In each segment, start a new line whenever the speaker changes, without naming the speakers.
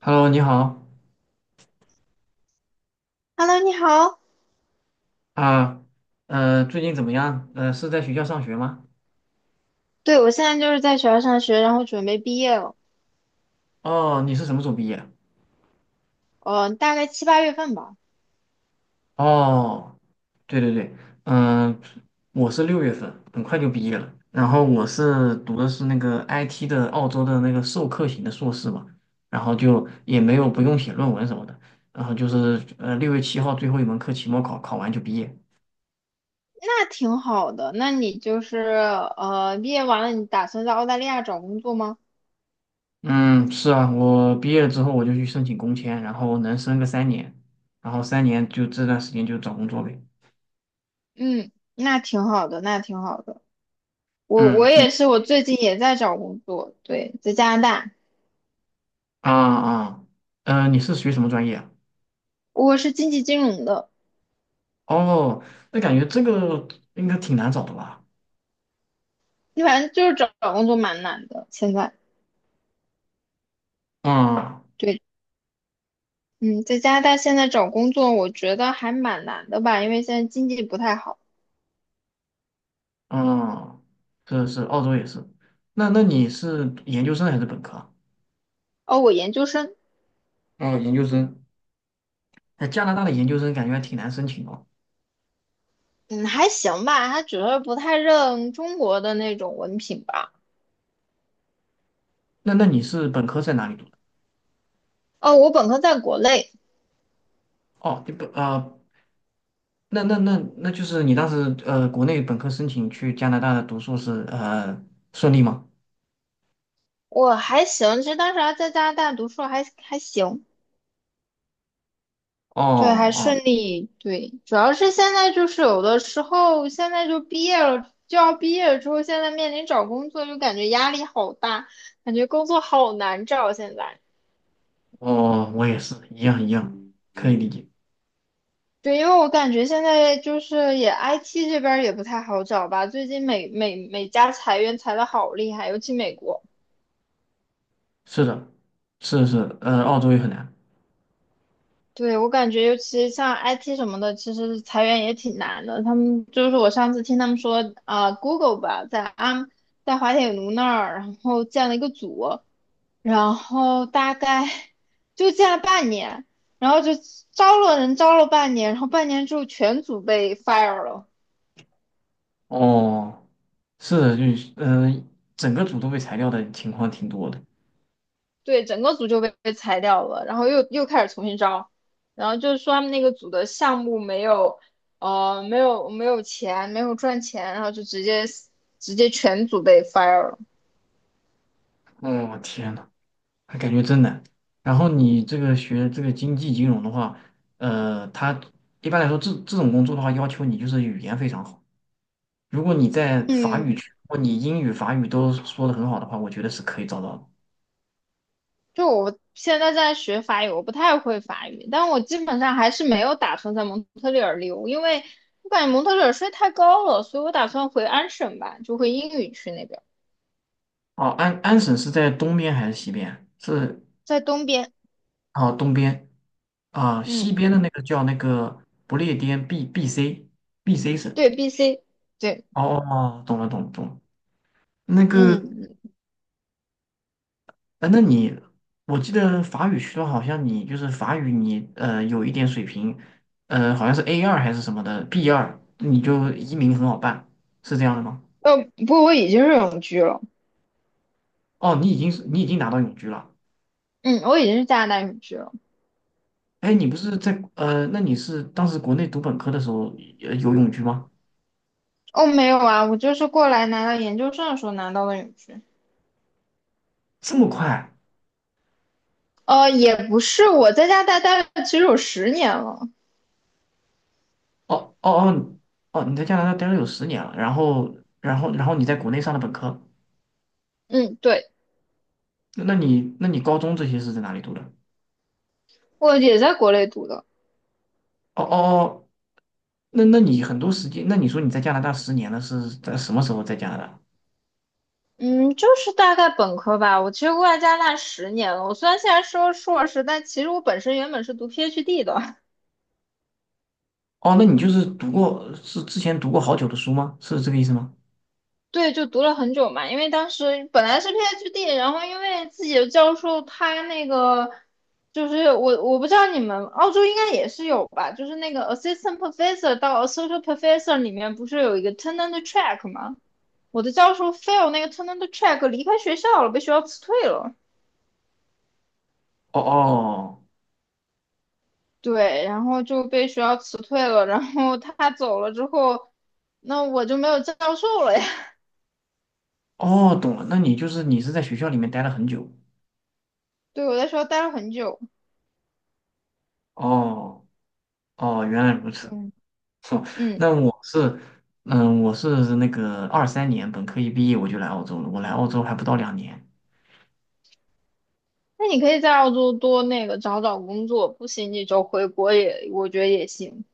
Hello，你好
Hello，你好。
啊，最近怎么样？是在学校上学吗？
对，我现在就是在学校上学，然后准备毕业了，
哦，你是什么时候毕业？
大概七八月份吧。
哦，对对对，嗯、我是6月份，很快就毕业了。然后我读的是那个 IT 的澳洲的那个授课型的硕士嘛，然后就也没有不用写论文什么的，然后就是6月7号最后一门课期末考，考完就毕业。
那挺好的。那你就是毕业完了，你打算在澳大利亚找工作吗？
嗯，是啊，我毕业了之后我就去申请工签，然后能申个三年，然后三年就这段时间就找工作呗。
嗯，那挺好的，那挺好的。我
嗯，你
也是，我最近也在找工作，对，在加拿大，
啊啊，呃，你是学什么专业啊？
我是经济金融的，
哦，那感觉这个应该挺难找的吧？
你反正就是找找工作蛮难的，现在。
嗯
对，嗯，在加拿大现在找工作，我觉得还蛮难的吧，因为现在经济不太好。
嗯，是是，澳洲也是。那你是研究生还是本科啊？
哦，我研究生。
哦，研究生。哎，加拿大的研究生感觉还挺难申请哦。
嗯，还行吧，他只是不太认中国的那种文凭吧。
那你是本科在哪里读的？
哦，我本科在国内，
哦，你本啊、呃那就是你当时国内本科申请去加拿大的读硕士，顺利吗？
我还行，其实当时还在加拿大读书还行，
哦
对，还
哦
顺利，对，主要是现在就是有的时候现在就毕业了，就要毕业了之后，现在面临找工作就感觉压力好大，感觉工作好难找现在。
哦，我也是一样一样，可以理解。
对，因为我感觉现在就是也 IT 这边儿也不太好找吧，最近每家裁员裁的好厉害，尤其美国。
是的，是是，澳洲也很难。
对，我感觉，尤其像 IT 什么的，其实裁员也挺难的。他们就是我上次听他们说，啊、g o o g l e 吧，在滑铁卢那儿，然后建了一个组，然后大概就建了半年，然后就招了人，招了半年，然后半年之后全组被 fire 了。
哦，是的，就是，整个组都被裁掉的情况挺多的。
对，整个组就被裁掉了，然后又开始重新招，然后就是说他们那个组的项目没有，没有钱，没有赚钱，然后就直接全组被 fire 了。
哦，天呐，那感觉真难。然后你这个学这个经济金融的话，呃，他一般来说这种工作的话，要求你就是语言非常好。如果你在法
嗯，
语区，如果你英语、法语都说的很好的话，我觉得是可以找到的。
就我现在在学法语，我不太会法语，但我基本上还是没有打算在蒙特利尔留，因为我感觉蒙特利尔税太高了，所以我打算回安省吧，就回英语区那边，
哦，安省是在东边还是西边？是，
在东边。
哦，东边。啊，西
嗯，
边的那个叫那个不列颠 B C 省。
对，BC,对，
哦哦懂了懂了懂了。那个，
嗯，
呃那你，我记得法语学的好像你就是法语你有一点水平，好像是 A2还是什么的 B2，你就移民很好办，是这样的吗？
不过我已经是永居了。
哦，你已经拿到永居了。
嗯，我已经是加拿大永居了。
哎，你不是在，那你是当时国内读本科的时候有永居吗？
哦，没有啊，我就是过来拿到研究生的时候拿到的永居。
这么快？
也不是，我在加拿大待了其实有十年了。
哦哦哦，哦，你在加拿大待了有十年了，然后你在国内上的本科，
嗯，对，
那你高中这些是在哪里读的？
我也在国内读的。
哦哦哦，那你很多时间，那你说你在加拿大十年了，是在什么时候在加拿大？
嗯，就是大概本科吧。我其实过来加拿大十年了。我虽然现在说硕士，但其实我本身原本是读 PhD 的。
哦，那你就是读过，是之前读过好久的书吗？是这个意思吗？
对，就读了很久嘛，因为当时本来是 PhD,然后因为自己的教授他那个就是我不知道你们澳洲应该也是有吧，就是那个 assistant professor 到 associate professor 里面不是有一个 tenure track 吗？我的教授 fail 那个 tenure track 离开学校了，被学校辞退了。
哦哦
对，然后就被学校辞退了，然后他走了之后，那我就没有教授了呀。
哦，哦懂了，那你就是你是在学校里面待了很久。
对，我在学校待了很久。
哦哦，原来如此。
对，
哼。
嗯。
那我是，嗯，我是那个23年本科一毕业我就来澳洲了，我来澳洲还不到2年。
那你可以在澳洲多那个找找工作，不行你就回国也，我觉得也行。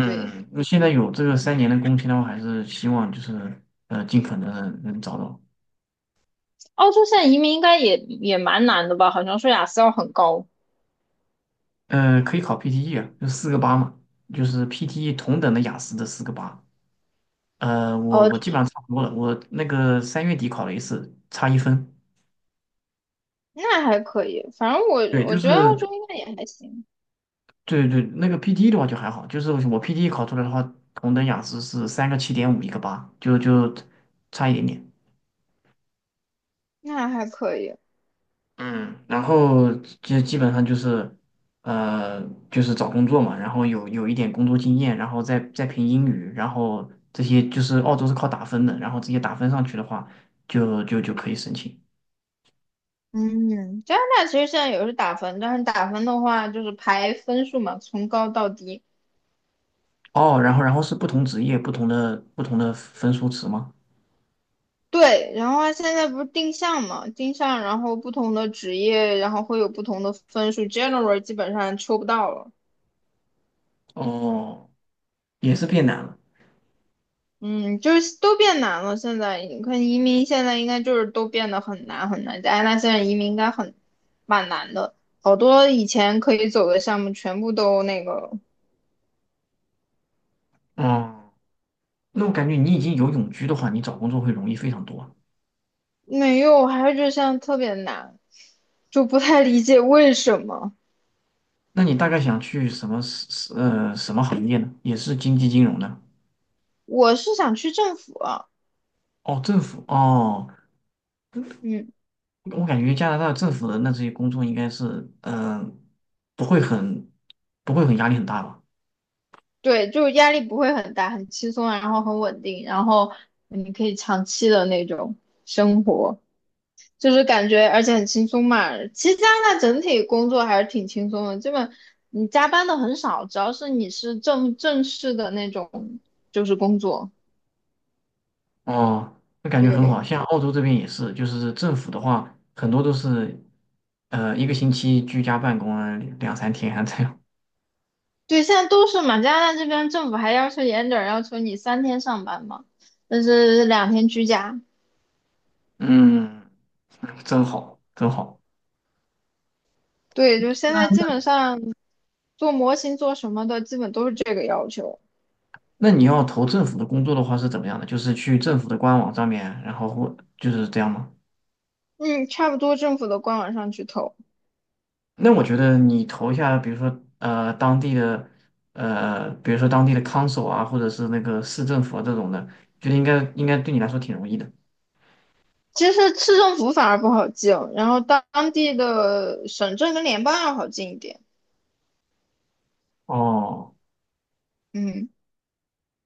对，
那现在有这个三年的工签的话，还是希望就是尽可能地能找到。
澳洲现在移民应该也蛮难的吧？好像说雅思要很高。
可以考 PTE 啊，就四个八嘛，就是 PTE 同等的雅思的四个八。我
哦，
我
就
基本上
是
差不多了，我那个3月底考了一次，差1分。
那还可以，反正我
对，
我
就
觉得澳
是
洲应该也还行，
对，那个 PT e 的话就还好，就是我 PT e 考出来的话，同等雅思是三个七点五，一个八，就差一点点。
那还可以。
嗯，然后就基本上就是，呃，就是找工作嘛，然后有一点工作经验，然后再凭英语，然后这些就是澳洲是靠打分的，然后直接打分上去的话，就可以申请。
嗯，加拿大其实现在也是打分，但是打分的话就是排分数嘛，从高到低。
哦，然后是不同职业不同的分数值吗？
对，然后它现在不是定向嘛，定向，然后不同的职业，然后会有不同的分数。General 基本上抽不到了。
哦，也是变难了。
嗯，就是都变难了。现在你看移民，现在应该就是都变得很难很难。加拿大现在移民应该很蛮难的，好多以前可以走的项目全部都那个
哦。那我感觉你已经有永居的话，你找工作会容易非常多啊。
没有，还是就现在特别难，就不太理解为什么。
那你大概想去什么行业呢？也是经济金融的？
我是想去政府啊
哦，政府哦，
嗯，
我感觉加拿大政府的那这些工作应该是不会很不会很压力很大吧？
对，就是压力不会很大，很轻松，然后很稳定，然后你可以长期的那种生活。就是感觉而且很轻松嘛。其实加拿大整体工作还是挺轻松的，基本你加班的很少，只要是你是正式的那种就是工作。
哦，那感觉很好。
对
像澳洲这边也是，就是政府的话，很多都是一个星期居家办公啊，两三天啊这样。
对，现在都是嘛，加拿大这边政府还要求严点儿，要求你3天上班嘛，但是2天居家。
嗯，真好，真好。
对，就现
那
在基
那。
本上做模型做什么的，基本都是这个要求。
那你要投政府的工作的话是怎么样的？就是去政府的官网上面，然后或就是这样吗？
嗯，差不多政府的官网上去投。
那我觉得你投一下，比如说当地的，比如说当地的 council 啊，或者是那个市政府啊这种的，觉得应该对你来说挺容易的。
其实市政府反而不好进，然后当地的省政跟联邦要好进一点。
哦，
嗯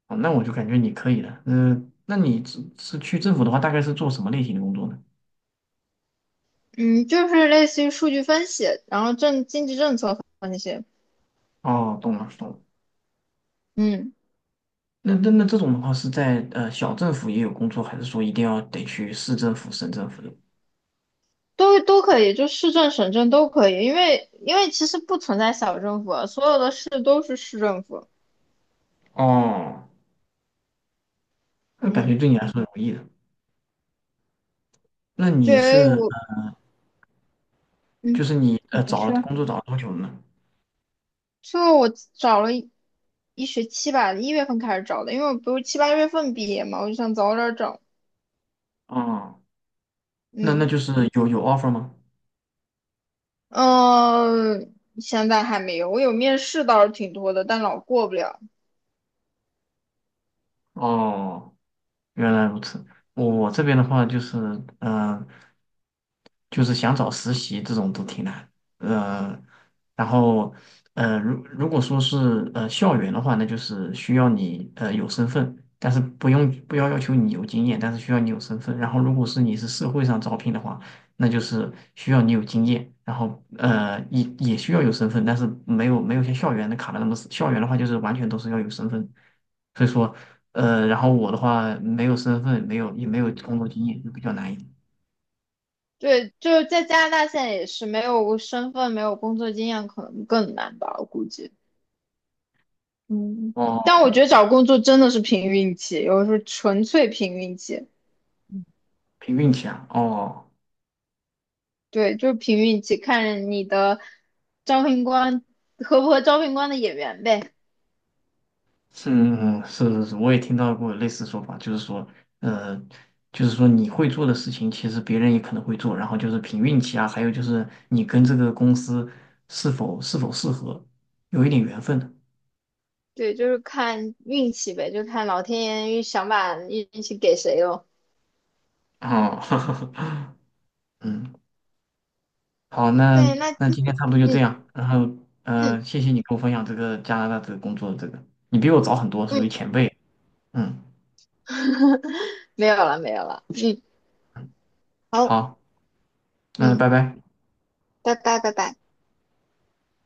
哦那我就感觉你可以的。嗯、那你去政府的话，大概是做什么类型的工作呢？
嗯，就是类似于数据分析，然后政经济政策那些，
哦，懂了懂了。
嗯，
那这种的话是在小政府也有工作，还是说一定要得去市政府、省政府的？
都可以，就市政、省政都可以，因为其实不存在小政府啊，所有的市都是市政府。
哦，那感觉
嗯，
对你来说容易的。那你
对
是
我，
就
嗯，
是你
你
找了
说，
工作找了多久了呢？
就我找了一学期吧，1月份开始找的，因为我不是七八月份毕业嘛，我就想早点找。
哦，那
嗯。
就是有 offer 吗？
嗯，现在还没有，我有面试倒是挺多的，但老过不了。
哦。原来如此。我这边的话就是，嗯、就是想找实习这种都挺难。呃，然后，如果说是校园的话，那就是需要你有身份，但是不要要求你有经验，但是需要你有身份。然后，如果是你是社会上招聘的话，那就是需要你有经验，然后也需要有身份，但是没有像校园的卡的那么死。校园的话就是完全都是要有身份，所以说然后我的话没有身份，没有也没有工作经验，就比较难一点。
对，就是在加拿大现在也是没有身份、没有工作经验，可能更难吧，我估计。嗯，但
哦，
我觉得找工作真的是凭运气，有的时候纯粹凭运气。
凭运气啊。哦，
对，就是凭运气，看你的招聘官合不合招聘官的眼缘呗。
是，嗯，是是是，我也听到过类似说法，就是说，呃，就是说你会做的事情，其实别人也可能会做，然后就是凭运气啊，还有就是你跟这个公司是否适合，有一点缘分的。
对，就是看运气呗，就看老天爷想把运气给谁咯。
哦，嗯，好，那
对，
那今天差不多就这
嗯
样，然后，
嗯
谢谢你给我分享这个加拿大这个工作的这个，你比我早很多，属于
嗯。
前辈。嗯，
没有了，没有了。嗯，好，
好，嗯，
嗯，
拜拜。
拜拜，拜拜。